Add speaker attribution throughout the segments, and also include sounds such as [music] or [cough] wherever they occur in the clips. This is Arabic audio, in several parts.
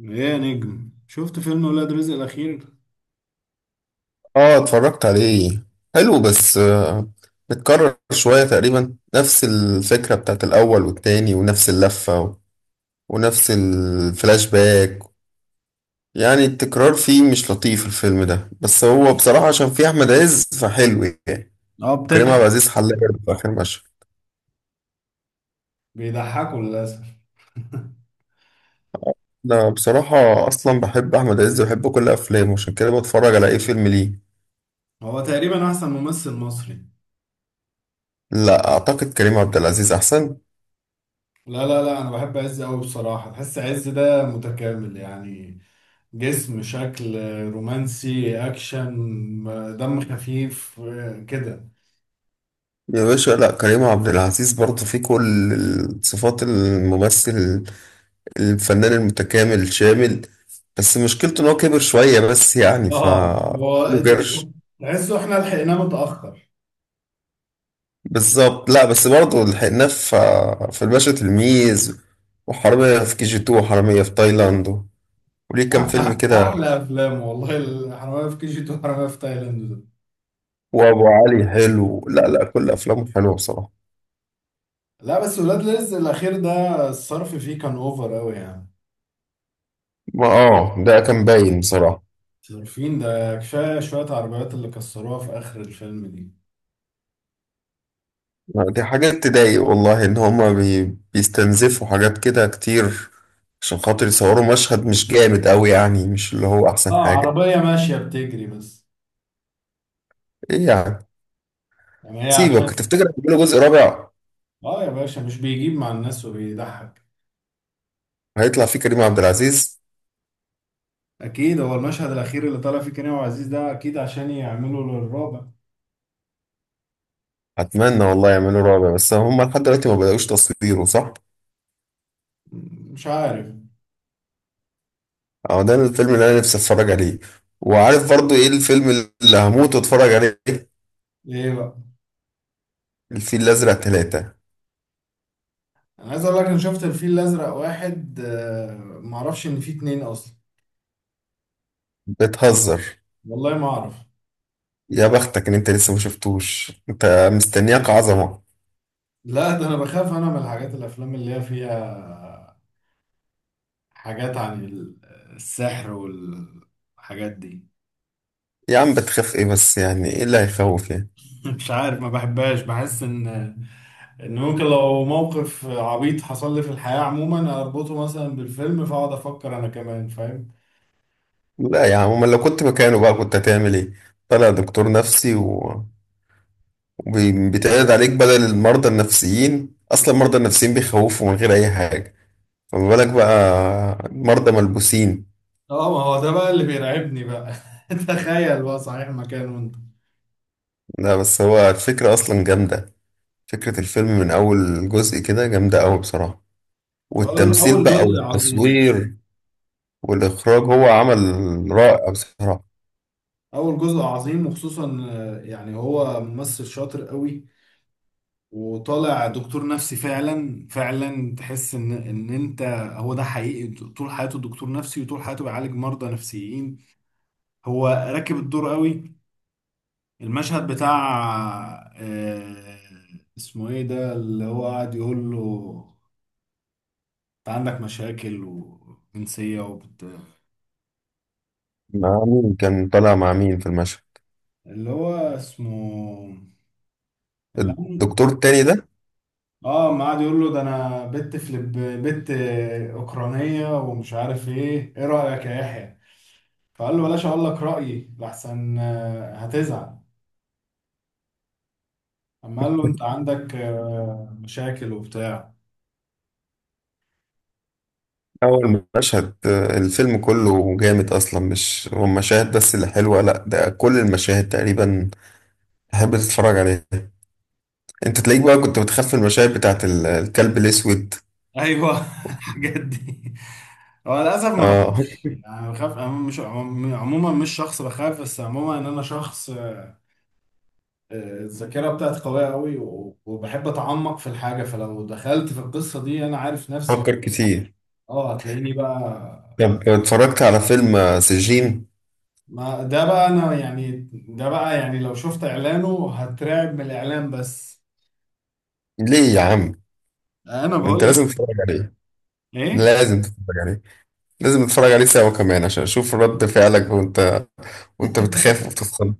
Speaker 1: ايه يا نجم، شفت فيلم ولاد رزق الاخير؟
Speaker 2: اه، اتفرجت عليه. حلو بس متكرر شوية تقريبا نفس الفكرة بتاعت الأول والتاني ونفس اللفة ونفس الفلاش باك. يعني التكرار فيه مش لطيف الفيلم ده، بس هو بصراحة عشان فيه أحمد عز فحلو يعني.
Speaker 1: اه،
Speaker 2: وكريم عبد
Speaker 1: بتضحك.
Speaker 2: العزيز حل برضه في آخر مشهد.
Speaker 1: بيضحكوا للاسف.
Speaker 2: أنا بصراحة أصلا بحب أحمد عز وبحب كل أفلامه، عشان كده بتفرج على أي فيلم ليه.
Speaker 1: هو تقريبا احسن ممثل مصري.
Speaker 2: لا، أعتقد كريم عبد العزيز أحسن.
Speaker 1: لا، لا، لا، انا بحب عز قوي بصراحه. تحس عز ده متكامل يعني. جسم، شكل، رومانسي، اكشن، دم خفيف، كده.
Speaker 2: يا باشا، لا كريم عبد العزيز برضه فيه كل صفات الممثل الفنان المتكامل الشامل، بس مشكلته ان هو كبر شوية بس يعني ف
Speaker 1: اه، هو
Speaker 2: له قرش.
Speaker 1: تحسه احنا لحقناه متاخر.
Speaker 2: بالظبط، لا بس برضه لحقناه في الباشا تلميذ، وحرامية في كي جي 2، وحرامية في تايلاند، وليه كام
Speaker 1: أح-
Speaker 2: فيلم كده.
Speaker 1: احلى افلام والله، الحراميه في كي جي 2 وحراميه في تايلاند ده.
Speaker 2: وابو علي حلو، لا لا كل افلامه حلوه بصراحة.
Speaker 1: لا، بس ولاد رزق الاخير ده الصرف فيه كان اوفر قوي يعني.
Speaker 2: ما اه، ده كان باين بصراحة.
Speaker 1: صارفين. ده كفاية شوية عربيات اللي كسروها في آخر الفيلم دي.
Speaker 2: دي حاجات تضايق والله، ان هما بيستنزفوا حاجات كده كتير عشان خاطر يصوروا مشهد مش جامد قوي يعني، مش اللي هو احسن
Speaker 1: اه،
Speaker 2: حاجه.
Speaker 1: عربية ماشية بتجري بس.
Speaker 2: ايه يعني.
Speaker 1: يعني هي
Speaker 2: سيبك،
Speaker 1: عشان.
Speaker 2: تفتكر هيعملوا جزء رابع
Speaker 1: اه يا باشا، مش بيجيب مع الناس وبيضحك.
Speaker 2: هيطلع فيه كريم عبد العزيز؟
Speaker 1: أكيد. هو المشهد الأخير اللي طلع فيه كريم وعزيز ده أكيد عشان يعملوا للرابع.
Speaker 2: اتمنى والله يعملوا رابع، بس هم لحد دلوقتي ما بدأوش تصويره صح.
Speaker 1: مش عارف.
Speaker 2: اه، ده الفيلم اللي انا نفسي اتفرج عليه. وعارف برضو ايه الفيلم اللي هموت واتفرج عليه؟
Speaker 1: إيه بقى؟
Speaker 2: الفيل الازرق ثلاثة.
Speaker 1: أنا عايز أقول لك، أنا شفت الفيل الأزرق واحد. معرفش إن فيه اتنين أصلا.
Speaker 2: بتهزر؟
Speaker 1: والله ما أعرف.
Speaker 2: يا بختك ان انت لسه ما شفتوش، انت مستنياك عظمه.
Speaker 1: لا، ده أنا بخاف أنا من الحاجات، الأفلام اللي هي فيها حاجات عن السحر والحاجات دي.
Speaker 2: يا عم بتخاف ايه بس، يعني ايه اللي هيخوف يعني.
Speaker 1: مش عارف، ما بحبهاش، بحس ان ممكن لو موقف عبيط حصل لي في الحياة عموما، اربطه مثلا بالفيلم، فاقعد افكر. انا كمان فاهم.
Speaker 2: لا يا عم، امال لو كنت مكانه بقى كنت هتعمل ايه؟ طلع دكتور نفسي وبيتعرض عليك بدل المرضى النفسيين، اصلا المرضى النفسيين بيخوفوا من غير اي حاجه، فما بالك بقى مرضى ملبوسين.
Speaker 1: اه، ما هو ده بقى اللي بيرعبني بقى. [laughs] تخيل بقى، صحيح مكانه انت.
Speaker 2: لا بس هو الفكره اصلا جامده، فكره الفيلم من اول جزء كده جامده قوي بصراحه.
Speaker 1: اول
Speaker 2: والتمثيل
Speaker 1: أول
Speaker 2: بقى
Speaker 1: جزء عظيم.
Speaker 2: والتصوير والاخراج، هو عمل رائع بصراحه.
Speaker 1: اول جزء عظيم، وخصوصا يعني هو ممثل شاطر قوي. وطالع دكتور نفسي فعلا فعلا، تحس ان انت هو ده حقيقي طول حياته دكتور نفسي، وطول حياته بيعالج مرضى نفسيين. هو راكب الدور قوي. المشهد بتاع آه، اسمه ايه ده اللي هو قاعد يقول له؟ انت عندك مشاكل وجنسية وبت...
Speaker 2: مع مين كان طالع، مع مين في المشهد؟
Speaker 1: اللي هو اسمه... اللي عم...
Speaker 2: الدكتور التاني ده.
Speaker 1: اه، ما قاعد يقول له: ده انا بنت فلب بنت اوكرانية، ومش عارف ايه. ايه رأيك يا يحيى؟ فقال له بلاش اقول لك رأيي لحسن هتزعل. اما قال له انت عندك مشاكل وبتاع.
Speaker 2: أول مشهد الفيلم كله جامد أصلا، مش هو مشاهد بس اللي حلوة، لأ ده كل المشاهد تقريبا تحب تتفرج عليها. أنت تلاقيك بقى كنت بتخاف من المشاهد بتاعت الكلب الأسود.
Speaker 1: ايوه، [laughs] الحاجات دي. هو للاسف ما
Speaker 2: آه،
Speaker 1: بخافش، يعني بخاف. أنا مش عموما عموماً مش شخص بخاف، بس عموما ان انا شخص. الذاكره بتاعتي قويه قوي، وبحب اتعمق في الحاجه. فلو دخلت في القصه دي، انا عارف نفسي.
Speaker 2: فكر كتير.
Speaker 1: اه، هتلاقيني بقى.
Speaker 2: طب اتفرجت على فيلم سجين؟
Speaker 1: ما ده بقى انا، يعني ده بقى، يعني لو شفت اعلانه هترعب من الاعلان بس.
Speaker 2: ليه يا عم،
Speaker 1: انا
Speaker 2: ده أنت
Speaker 1: بقول لك
Speaker 2: لازم تتفرج عليه،
Speaker 1: ايه؟
Speaker 2: لازم تتفرج عليه، لازم تتفرج عليه سوا كمان عشان أشوف رد فعلك وأنت وأنت بتخاف وبتتخض.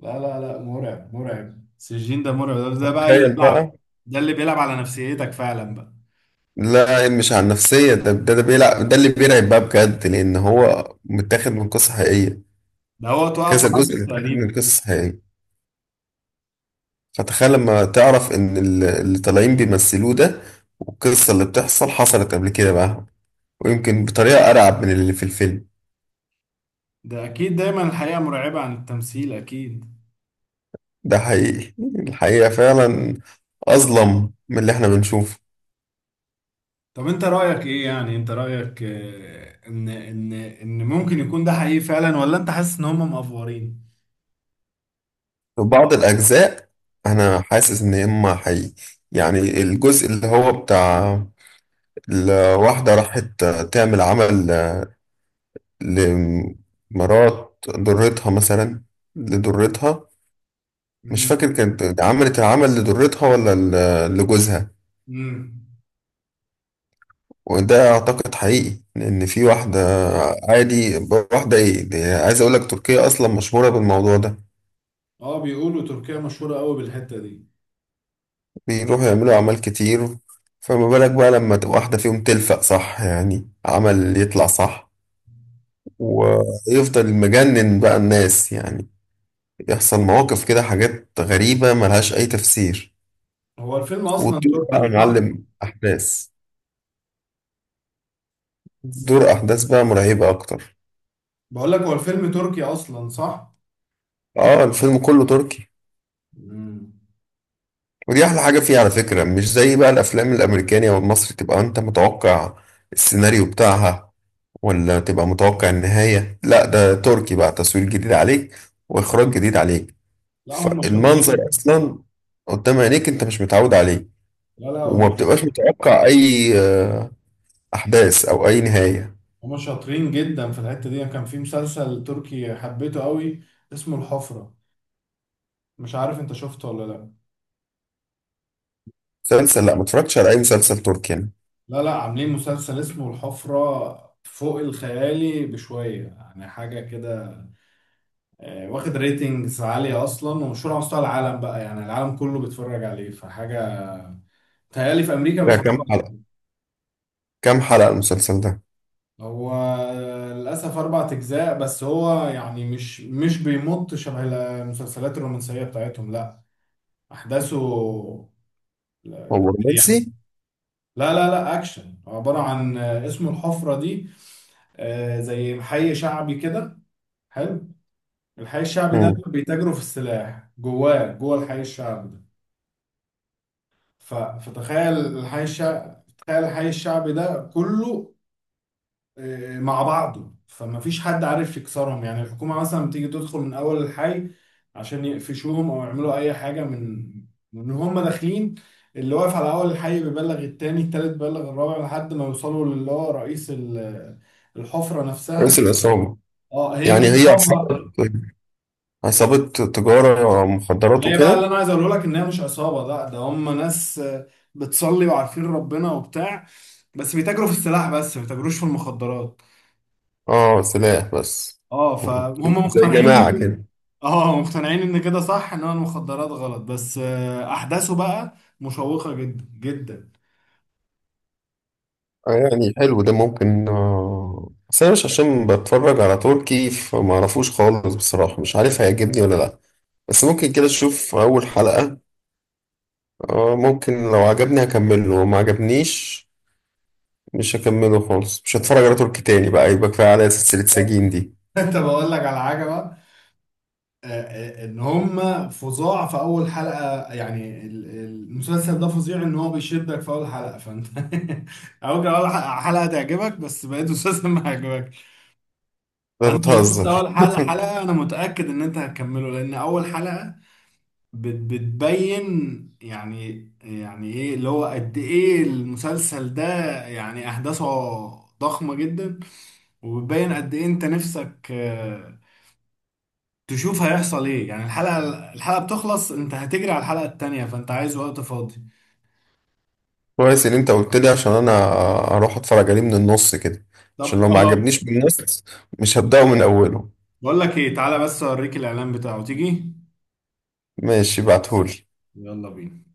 Speaker 1: لا، لا، لا، مرعب مرعب، السجين ده مرعب، ده
Speaker 2: [laughs]
Speaker 1: بقى اللي
Speaker 2: تخيل
Speaker 1: بيلعب.
Speaker 2: بقى.
Speaker 1: ده اللي بيلعب على نفسيتك فعلا بقى.
Speaker 2: لا، مش على النفسية، ده ده, ده بيلعب، ده اللي بيرعب بقى بجد لأن هو متاخد من قصة حقيقية.
Speaker 1: ده هو توقف
Speaker 2: كذا
Speaker 1: عرض
Speaker 2: جزء متاخد من
Speaker 1: تقريبا.
Speaker 2: قصص حقيقية، فتخيل لما تعرف إن اللي طالعين بيمثلوه ده والقصة اللي بتحصل حصلت قبل كده بقى، ويمكن بطريقة أرعب من اللي في الفيلم.
Speaker 1: ده اكيد، دايما الحقيقة مرعبة عن التمثيل اكيد.
Speaker 2: ده حقيقي. الحقيقة فعلا أظلم من اللي إحنا بنشوفه.
Speaker 1: طب، انت رأيك ايه، يعني انت رأيك ان ممكن يكون ده حقيقي فعلا، ولا انت حاسس ان هم مأفورين؟
Speaker 2: في بعض الأجزاء أنا حاسس إن إما حقيقي، يعني الجزء اللي هو بتاع الواحدة راحت تعمل عمل لمرات ضرتها مثلا، لضرتها. مش
Speaker 1: امم.
Speaker 2: فاكر كانت عملت العمل لضرتها ولا لجوزها،
Speaker 1: امم.
Speaker 2: وده اعتقد حقيقي لان في واحده. عادي. واحده ايه دي، عايز اقول لك تركيا اصلا مشهوره بالموضوع ده.
Speaker 1: اه، بيقولوا تركيا مشهورة قوي بالحتة دي.
Speaker 2: بيروحوا يعملوا اعمال كتير، فما بالك بقى لما تبقى واحده فيهم تلفق صح يعني عمل يطلع صح، ويفضل مجنن بقى الناس يعني، يحصل مواقف كده، حاجات غريبه ملهاش اي تفسير.
Speaker 1: هو الفيلم اصلا
Speaker 2: وتطير بقى يا
Speaker 1: تركي، صح؟
Speaker 2: معلم أحداث، دور أحداث بقى مرعبة أكتر.
Speaker 1: بقول لك، هو الفيلم تركي اصلا، صح؟
Speaker 2: آه الفيلم كله تركي.
Speaker 1: امم.
Speaker 2: ودي أحلى حاجة فيه على فكرة، مش زي بقى الأفلام الأمريكانية والمصري تبقى أنت متوقع السيناريو بتاعها، ولا تبقى متوقع النهاية. لا ده تركي بقى، تصوير جديد عليك وإخراج جديد عليك،
Speaker 1: لا، هم
Speaker 2: فالمنظر
Speaker 1: شاطرين.
Speaker 2: أصلا قدام عينيك أنت مش متعود عليه،
Speaker 1: لا، لا،
Speaker 2: وما
Speaker 1: هم
Speaker 2: بتبقاش متوقع أي أحداث أو أي نهاية.
Speaker 1: هم شاطرين جدا في الحتة دي. كان في مسلسل تركي حبيته قوي، اسمه الحفرة. مش عارف انت شفته ولا لا؟
Speaker 2: مسلسل؟ لا، ما اتفرجتش على أي مسلسل تركي يعني.
Speaker 1: لا، لا، عاملين مسلسل اسمه الحفرة فوق الخيالي بشوية، يعني حاجة كده. واخد ريتنجز عالية أصلا، ومشهور على مستوى العالم بقى، يعني العالم كله بيتفرج عليه فحاجة. تهيألي في أمريكا
Speaker 2: ده
Speaker 1: بيتفرجوا
Speaker 2: كام حلقة،
Speaker 1: عليه.
Speaker 2: كام حلقة المسلسل ده؟
Speaker 1: هو للأسف أربع أجزاء، بس هو يعني مش بيمط شبه المسلسلات الرومانسية بتاعتهم، لا. أحداثه
Speaker 2: هو
Speaker 1: سريعة.
Speaker 2: رومانسي؟
Speaker 1: لا، لا، لا، أكشن، عبارة عن اسمه الحفرة دي. آه، زي محي شعبي كده. حلو. الحي الشعبي ده
Speaker 2: مم.
Speaker 1: بيتاجروا في السلاح جواه، جوه الحي الشعبي ده. فتخيل الحي الشعبي. تخيل الحي الشعبي ده كله مع بعضه، فما فيش حد عارف يكسرهم، يعني الحكومة مثلا بتيجي تدخل من أول الحي عشان يقفشوهم أو يعملوا أي حاجة، من هم داخلين. اللي واقف على أول الحي بيبلغ التاني، التالت بيبلغ الرابع، لحد ما يوصلوا للي هو رئيس الحفرة نفسها.
Speaker 2: رئيس العصابة.
Speaker 1: اه، هي
Speaker 2: يعني
Speaker 1: مش
Speaker 2: هي
Speaker 1: عصابة.
Speaker 2: عصابة، عصابة تجارة مخدرات
Speaker 1: ما هي بقى اللي
Speaker 2: وكده؟
Speaker 1: انا عايز اقوله لك، ان هي مش عصابه، لا، ده هم ناس بتصلي وعارفين ربنا وبتاع. بس بيتاجروا في السلاح بس، ما بيتاجروش في المخدرات.
Speaker 2: اه سلاح بس.
Speaker 1: اه،
Speaker 2: مم.
Speaker 1: فهم
Speaker 2: زي
Speaker 1: مقتنعين
Speaker 2: جماعة
Speaker 1: ان
Speaker 2: كده.
Speaker 1: اه، مقتنعين ان كده صح، ان المخدرات غلط، بس احداثه بقى مشوقه جدا جدا.
Speaker 2: يعني حلو ده ممكن آه. بس أنا مش عشان بتفرج على تركي فمعرفوش خالص بصراحة، مش عارف هيعجبني ولا لأ، بس ممكن كده أشوف أول حلقة. آه ممكن، لو عجبني هكمله وما عجبنيش مش هكمله خالص، مش هتفرج على تركي تاني بقى، يبقى كفاية على سلسلة
Speaker 1: طب،
Speaker 2: سجين دي.
Speaker 1: [laughs] طب اقول لك على حاجه بقى. آه، ان هم فظاع في اول حلقه، يعني المسلسل ده فظيع، ان هو بيشدك في اول حلقه فانت [laughs] اول كان اول حلقه تعجبك، بس بقيت المسلسل ما يعجبك.
Speaker 2: ده
Speaker 1: فانت لو شفت
Speaker 2: بتهزر.
Speaker 1: اول حلقه، انا متاكد ان انت هتكمله، لان اول حلقه بتبين يعني ايه اللي هو قد ايه المسلسل ده، يعني احداثه ضخمه جدا. وبتبين قد ايه انت نفسك تشوف هيحصل ايه، يعني الحلقه بتخلص، انت هتجري على الحلقه التانية. فانت عايز وقت فاضي.
Speaker 2: كويس ان انت قلت لي، عشان انا اروح اتفرج عليه من النص كده،
Speaker 1: طب،
Speaker 2: عشان لو ما
Speaker 1: اه،
Speaker 2: عجبنيش من النص مش هبدأه من اوله.
Speaker 1: بقول لك ايه، تعالى بس اوريك الاعلان بتاعه، تيجي.
Speaker 2: ماشي بعتهولي.
Speaker 1: يلا بينا.